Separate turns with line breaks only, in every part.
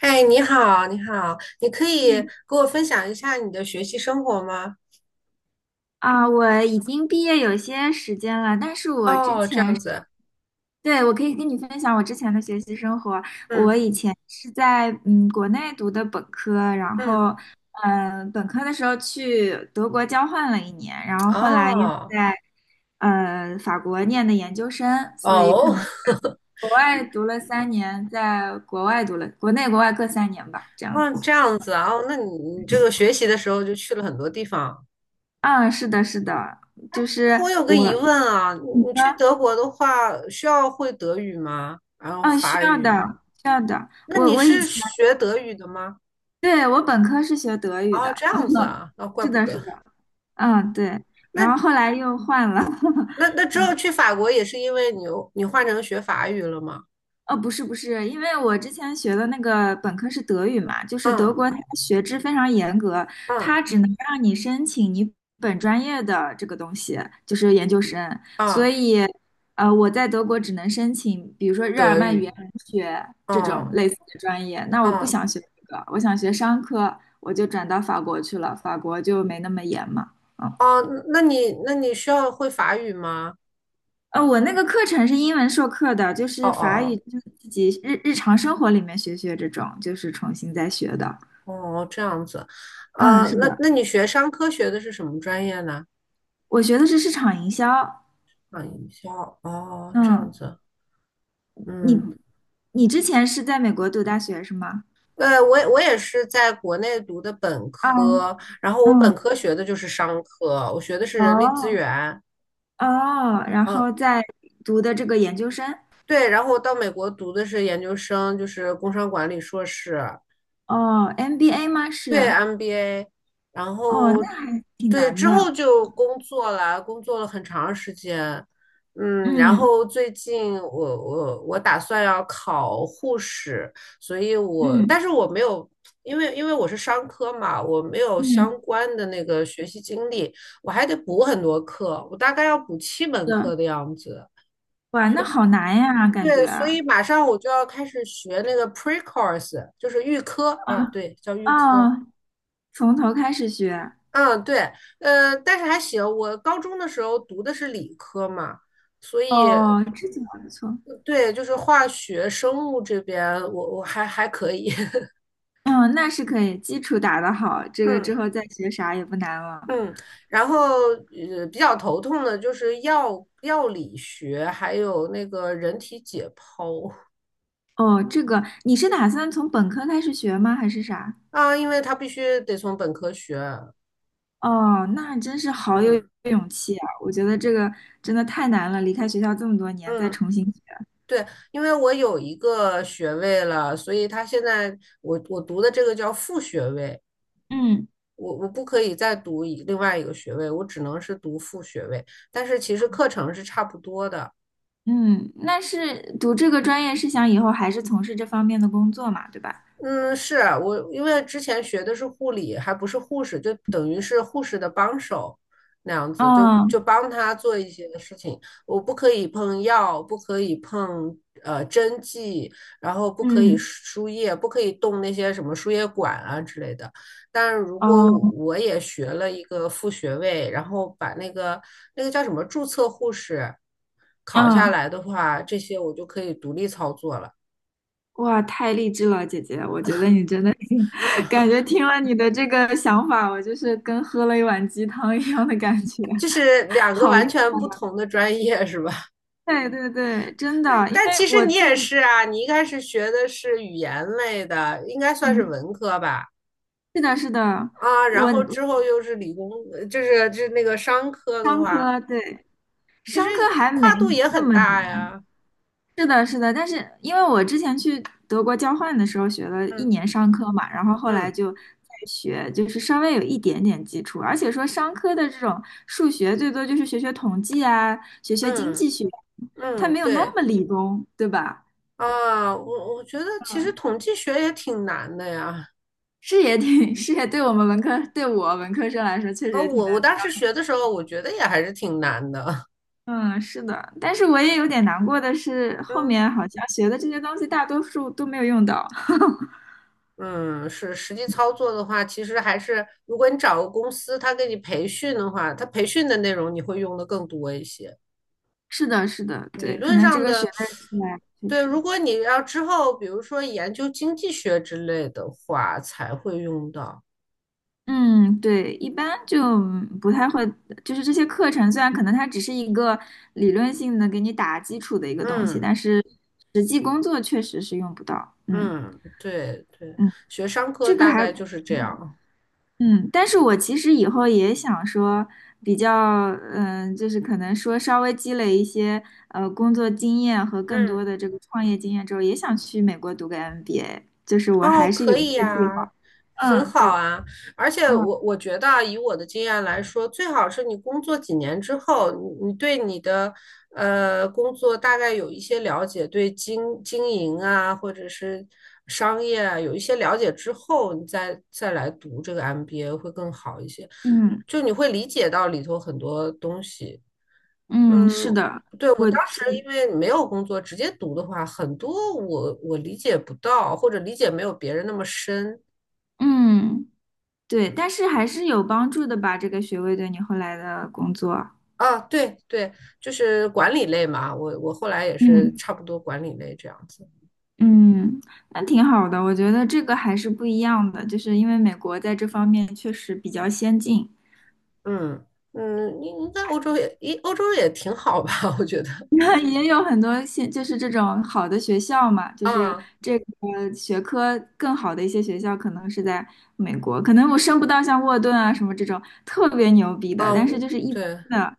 哎，你好，你好，你可以
嗯
给我分享一下你的学习生活吗？
啊，我已经毕业有些时间了，但是我之
哦，这
前
样
是，
子。
对，我可以跟你分享我之前的学习生活。我
嗯。
以前是在国内读的本科，然后
嗯，
本科的时候去德国交换了一年，然后后来又
哦
在法国念的研究生，所以可
哦。
能 国外读了三年，在国外读了国内国外各三年吧，这样
哦，这
子。
样子啊。哦，那你这个学习的时候就去了很多地方。
嗯，是的，是的，就是
那我有个疑问
我，
啊，你
你说。
你去德国的话，需要会德语吗？然后
啊，需
法
要的，
语？
需要的。
那
我
你
我以
是
前，
学德语的吗？
对，我本科是学德语的。
哦，这
啊，
样子啊，那、怪
是
不
的，是
得。
的，嗯，对。然后
那
后来又换了，
那 那之后去法国也是因为你换成学法语了吗？
哦，不是不是，因为我之前学的那个本科是德语嘛，就是德
嗯。
国它的学制非常严格，
嗯。
它只能让你申请你本专业的这个东西，就是研究生。所
啊，
以，我在德国只能申请，比如说日耳
德
曼语言
语。
文学这种
哦。
类似的专业。那我不
哦。
想学这个，我想学商科，我就转到法国去了，法国就没那么严嘛。
哦，那你需要会法语吗？
我那个课程是英文授课的，就
哦
是法语，
哦。
就是自己日常生活里面学学这种，就是重新再学的。
哦。哦，这样子。
嗯，
啊，
是
那
的，
那你学商科学的是什么专业呢？
我学的是市场营销。
啊，营销。哦，这样
嗯，
子。
你
嗯，
你之前是在美国读大学是吗？
对，我也是在国内读的本
啊，
科，然后我本
嗯，
科学的就是商科，我学的是人力资
哦
源。
哦，然后
嗯，
在读的这个研究生，
对，然后我到美国读的是研究生，就是工商管理硕士，
哦，MBA 吗？
对
是，
MBA。然
哦，
后
那还挺
对
难
之后
的。
就工作了，工作了很长时间。嗯，然
嗯
后最近我打算要考护士，所以我
嗯
但是我没有，因为我是商科嘛，我没有相
嗯，
关的那个学习经历，我还得补很多课，我大概要补七门
是
课
的。
的样子。
哇，那好难呀，感
对，
觉
所以
啊。
马上我就要开始学那个 pre course，就是预科啊，对，叫预科。
啊，从头开始学。
嗯，对。但是还行。我高中的时候读的是理科嘛，所以
哦，这就还不错。
对，就是化学、生物这边我还还可以。
嗯，那是可以，基础打得好，这个之
嗯。
后再学啥也不难了。
嗯，然后比较头痛的就是药理学，还有那个人体解剖
哦，这个你是打算从本科开始学吗？还是啥？
啊，因为它必须得从本科学。
哦，那真是好有
嗯
勇气啊！我觉得这个真的太难了，离开学校这么多年再
嗯。
重新学。
对，因为我有一个学位了，所以他现在我读的这个叫副学位，
嗯
我不可以再读一另外一个学位，我只能是读副学位，但是其实课程是差不多的。
嗯，那是读这个专业是想以后还是从事这方面的工作嘛，对吧？
嗯，是啊我，因为之前学的是护理，还不是护士，就等于是护士的帮手那样子，就
嗯
就帮他做一些事情。我不可以碰药，不可以碰针剂，然后不可以
嗯
输液，不可以动那些什么输液管啊之类的。但是如果我
哦
我也学了一个副学位，然后把那个叫什么注册护士考下
嗯。
来的话，这些我就可以独立操作了。
哇，太励志了，姐姐！我觉得你真的，感觉听了你的这个想法，我就是跟喝了一碗鸡汤一样的感觉。
就是 两个
好
完
厉害
全不
啊！
同的专业是吧？
对对对，真的，因
但
为
其实
我
你
自
也
己，
是啊，你一开始学的是语言类的，应该算是
嗯，
文科吧？
是的，是的，
啊，
我
然后
我
之后又是理工，就是那个商科的
商
话，
科，对，
其实
商科还没
跨度也
那
很
么
大
难，
呀。
是的，是的，但是因为我之前去德国交换的时候学了一
嗯。
年商科嘛，然后后来
嗯
就在学，就是稍微有一点点基础，而且说商科的这种数学最多就是学学统计啊，学学经
嗯
济学，它
嗯，
没有那
对
么理工，对吧？
啊，我觉得其实统计学也挺难的呀。
是也挺，是也对我们文科，对我文科生来说确实
啊，
也挺
我
难的。
当时学的时候，我觉得也还是挺难的。
嗯，是的，但是我也有点难过的是，后
嗯。
面好像学的这些东西大多数都没有用到。
嗯，是实际操作的话，其实还是如果你找个公司，他给你培训的话，他培训的内容你会用的更多一些。
是的，是的，
理
对，可
论
能这
上
个学
的，
位出来确
对，
实。
如果你要之后，比如说研究经济学之类的话，才会用到。
嗯，对，一般就不太会，就是这些课程虽然可能它只是一个理论性的给你打基础的一个东西，
嗯
但是实际工作确实是用不到。嗯
嗯，对对，
嗯。
学商科
这个
大
还
概就是这样。
嗯，但是我其实以后也想说比较，嗯、就是可能说稍微积累一些工作经验和更
嗯。
多的这个创业经验之后，也想去美国读个 MBA，就是我
哦，
还是有
可以
这个计
呀，
划。
很
嗯，对，
好啊。而且
嗯
我觉得啊，以我的经验来说，最好是你工作几年之后，你对你的工作大概有一些了解，对经营啊，或者是商业啊，有一些了解之后，你再来读这个 MBA 会更好一些。
嗯
就你会理解到里头很多东西。
嗯，是
嗯，
的。
对，我
我。
当时因为没有工作，直接读的话，很多我理解不到，或者理解没有别人那么深
嗯，对，但是还是有帮助的吧，这个学位对你后来的工作。
啊。对对，就是管理类嘛，我后来也是
嗯
差不多管理类这样子。
嗯，那挺好的，我觉得这个还是不一样的，就是因为美国在这方面确实比较先进。
嗯嗯。你你在欧洲也，一欧洲也挺好吧？我觉得
那也有很多就是这种好的学校嘛，就是
啊。
这个学科更好的一些学校可能是在美国，可能我升不到像沃顿啊什么这种特别牛逼的，
啊，
但是
我
就是一般
对。
的，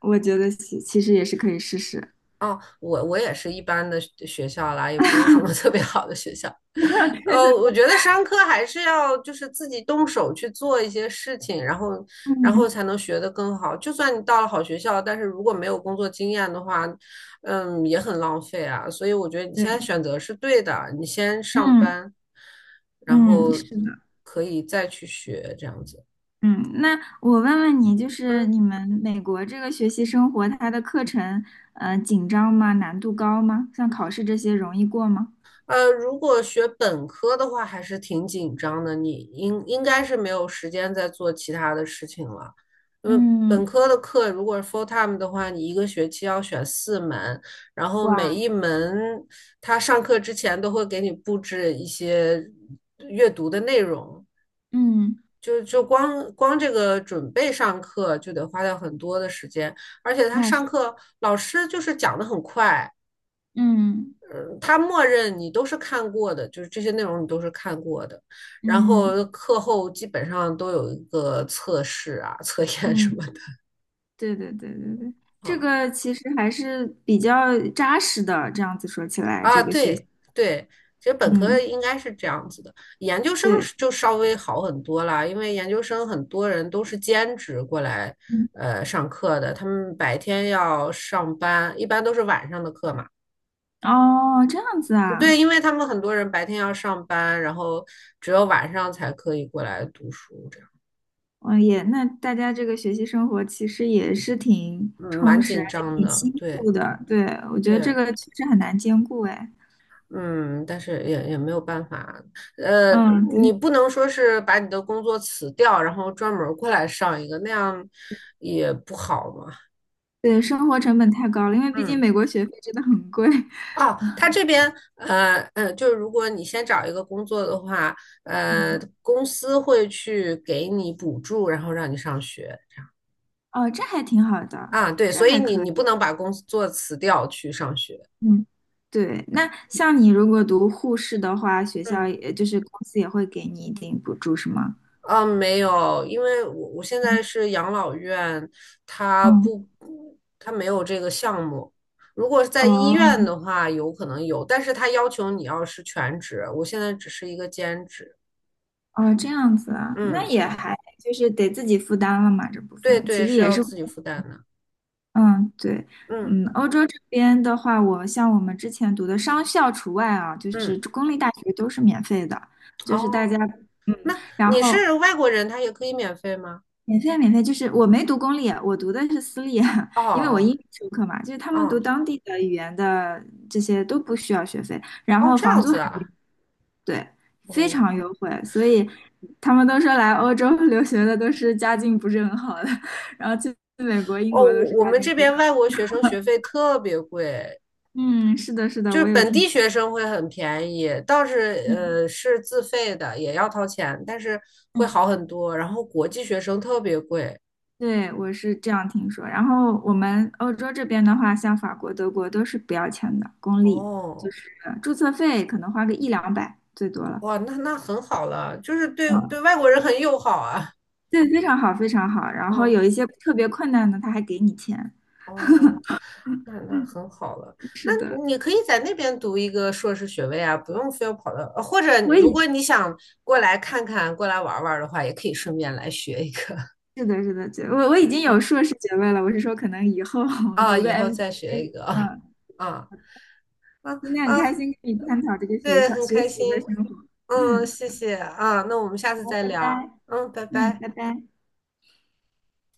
我觉得其实也是可以试试。
哦，我也是一般的学校啦，也不是什么 特别好的学校。
对对
我
对，
觉得商科还是要就是自己动手去做一些事情，然后然后才能学得更好。就算你到了好学校，但是如果没有工作经验的话，嗯，也很浪费啊。所以我觉得你现
对，
在选择是对的，你先上
嗯
班，然
嗯，
后
是的，
可以再去学这样子。
嗯，那我问问你，就是
嗯。
你们美国这个学习生活，它的课程，紧张吗？难度高吗？像考试这些容易过吗？
如果学本科的话，还是挺紧张的。你应该是没有时间再做其他的事情了，因为本
嗯，
科的课如果是 full time 的话，你一个学期要选四门，然后每
哇，
一门他上课之前都会给你布置一些阅读的内容，
嗯，
就光光这个准备上课就得花掉很多的时间，而且他
那是，
上课老师就是讲的很快。
嗯
嗯，他默认你都是看过的，就是这些内容你都是看过的，然
嗯
后课后基本上都有一个测试啊、测验什
嗯，
么的
对对对对对，这
啊。
个其实还是比较扎实的，这样子说起来，这
啊，
个学习，
对对，其实本科
嗯，
应该是这样子的，研究生
对，
是就稍微好很多啦，因为研究生很多人都是兼职过来
嗯，
上课的，他们白天要上班，一般都是晚上的课嘛。
哦，这样子
对，
啊，
因为他们很多人白天要上班，然后只有晚上才可以过来读书，这样。
嗯，也，那大家这个学习生活其实也是挺
嗯，
充
蛮
实，而
紧
且
张
挺
的，
辛
对
苦的。对，我觉得这
对。
个确实很难兼顾。哎，
嗯，但是也没有办法。呃，
嗯，
你
对，
不能说是把你的工作辞掉，然后专门儿过来上一个，那样也不好嘛。
对，生活成本太高了，因为毕竟
嗯。
美国学费真的很贵。
哦，他这边，就是如果你先找一个工作的话，
嗯，
公司会去给你补助，然后让你上学
哦，这还挺好的，
啊，对，
这
所以
还
你
可
你不
以。
能把工作辞掉去上学。
嗯，对，那像你如果读护士的话，学校
嗯。
也就是公司也会给你一定补助，是吗？
啊，没有，因为我现在是养老院，它
嗯，
不，它没有这个项目。如果是在医院
哦
的话，有可能有，但是他要求你要是全职，我现在只是一个兼职。
哦，这样子啊，那
嗯，
也还就是得自己负担了嘛，这部
对
分其
对，
实
是
也
要
是。
自己负担的。
嗯，对，
嗯。
嗯，欧洲这边的话，我像我们之前读的商校除外啊，就是
嗯，
公立大学都是免费的，就是大家，
哦，
嗯，
那
然
你
后
是外国人，他也可以免费吗？
免费免费，就是我没读公立，我读的是私立，
哦。
因为我英
哦
语授课嘛，就是他们读
哦
当地的语言的这些都不需要学费，
哦，这
房
样
租还，
子啊。
对，非
哦
常优惠，所以他们都说来欧洲 留学的都是家境不是很好的。然后去美国、英
哦。
国都
我
是
我
家
们
境
这
非
边
常好，
外国学生学费特别贵，
嗯，是的，是的，
就是
我有
本地
听。
学生会很便宜，倒是
嗯
是自费的，也要掏钱，但是会
嗯
好很多。然后国际学生特别贵。
对，我是这样听说。然后我们欧洲这边的话，像法国、德国都是不要钱的，公立，就
哦，
是注册费可能花个一两百最多了。
哇，那那很好了，就是对
嗯，
对外国人很友好啊。
对，非常好，非常好。然后有
嗯。
一些特别困难的，他还给你钱。
哦，那那很好了。那
是的，
你可以在那边读一个硕士学位啊，不用非要跑到，或者你
我
如
已
果你想过来看看、过来玩儿玩儿的话，也可以顺便来学一个。
是的，是的，对，我已经 有
啊。
硕士学位了。我是说，可能以后 我
啊，
读个
以后再
MBA。
学一个啊。
嗯，
啊。啊。
今天很开
啊，
心跟你探讨这个学
对，
校
很
学
开
习的
心。
生活。
嗯，
嗯，
谢谢啊，那我们下次
好，
再
拜
聊。
拜。
嗯，拜
嗯，
拜。
拜拜。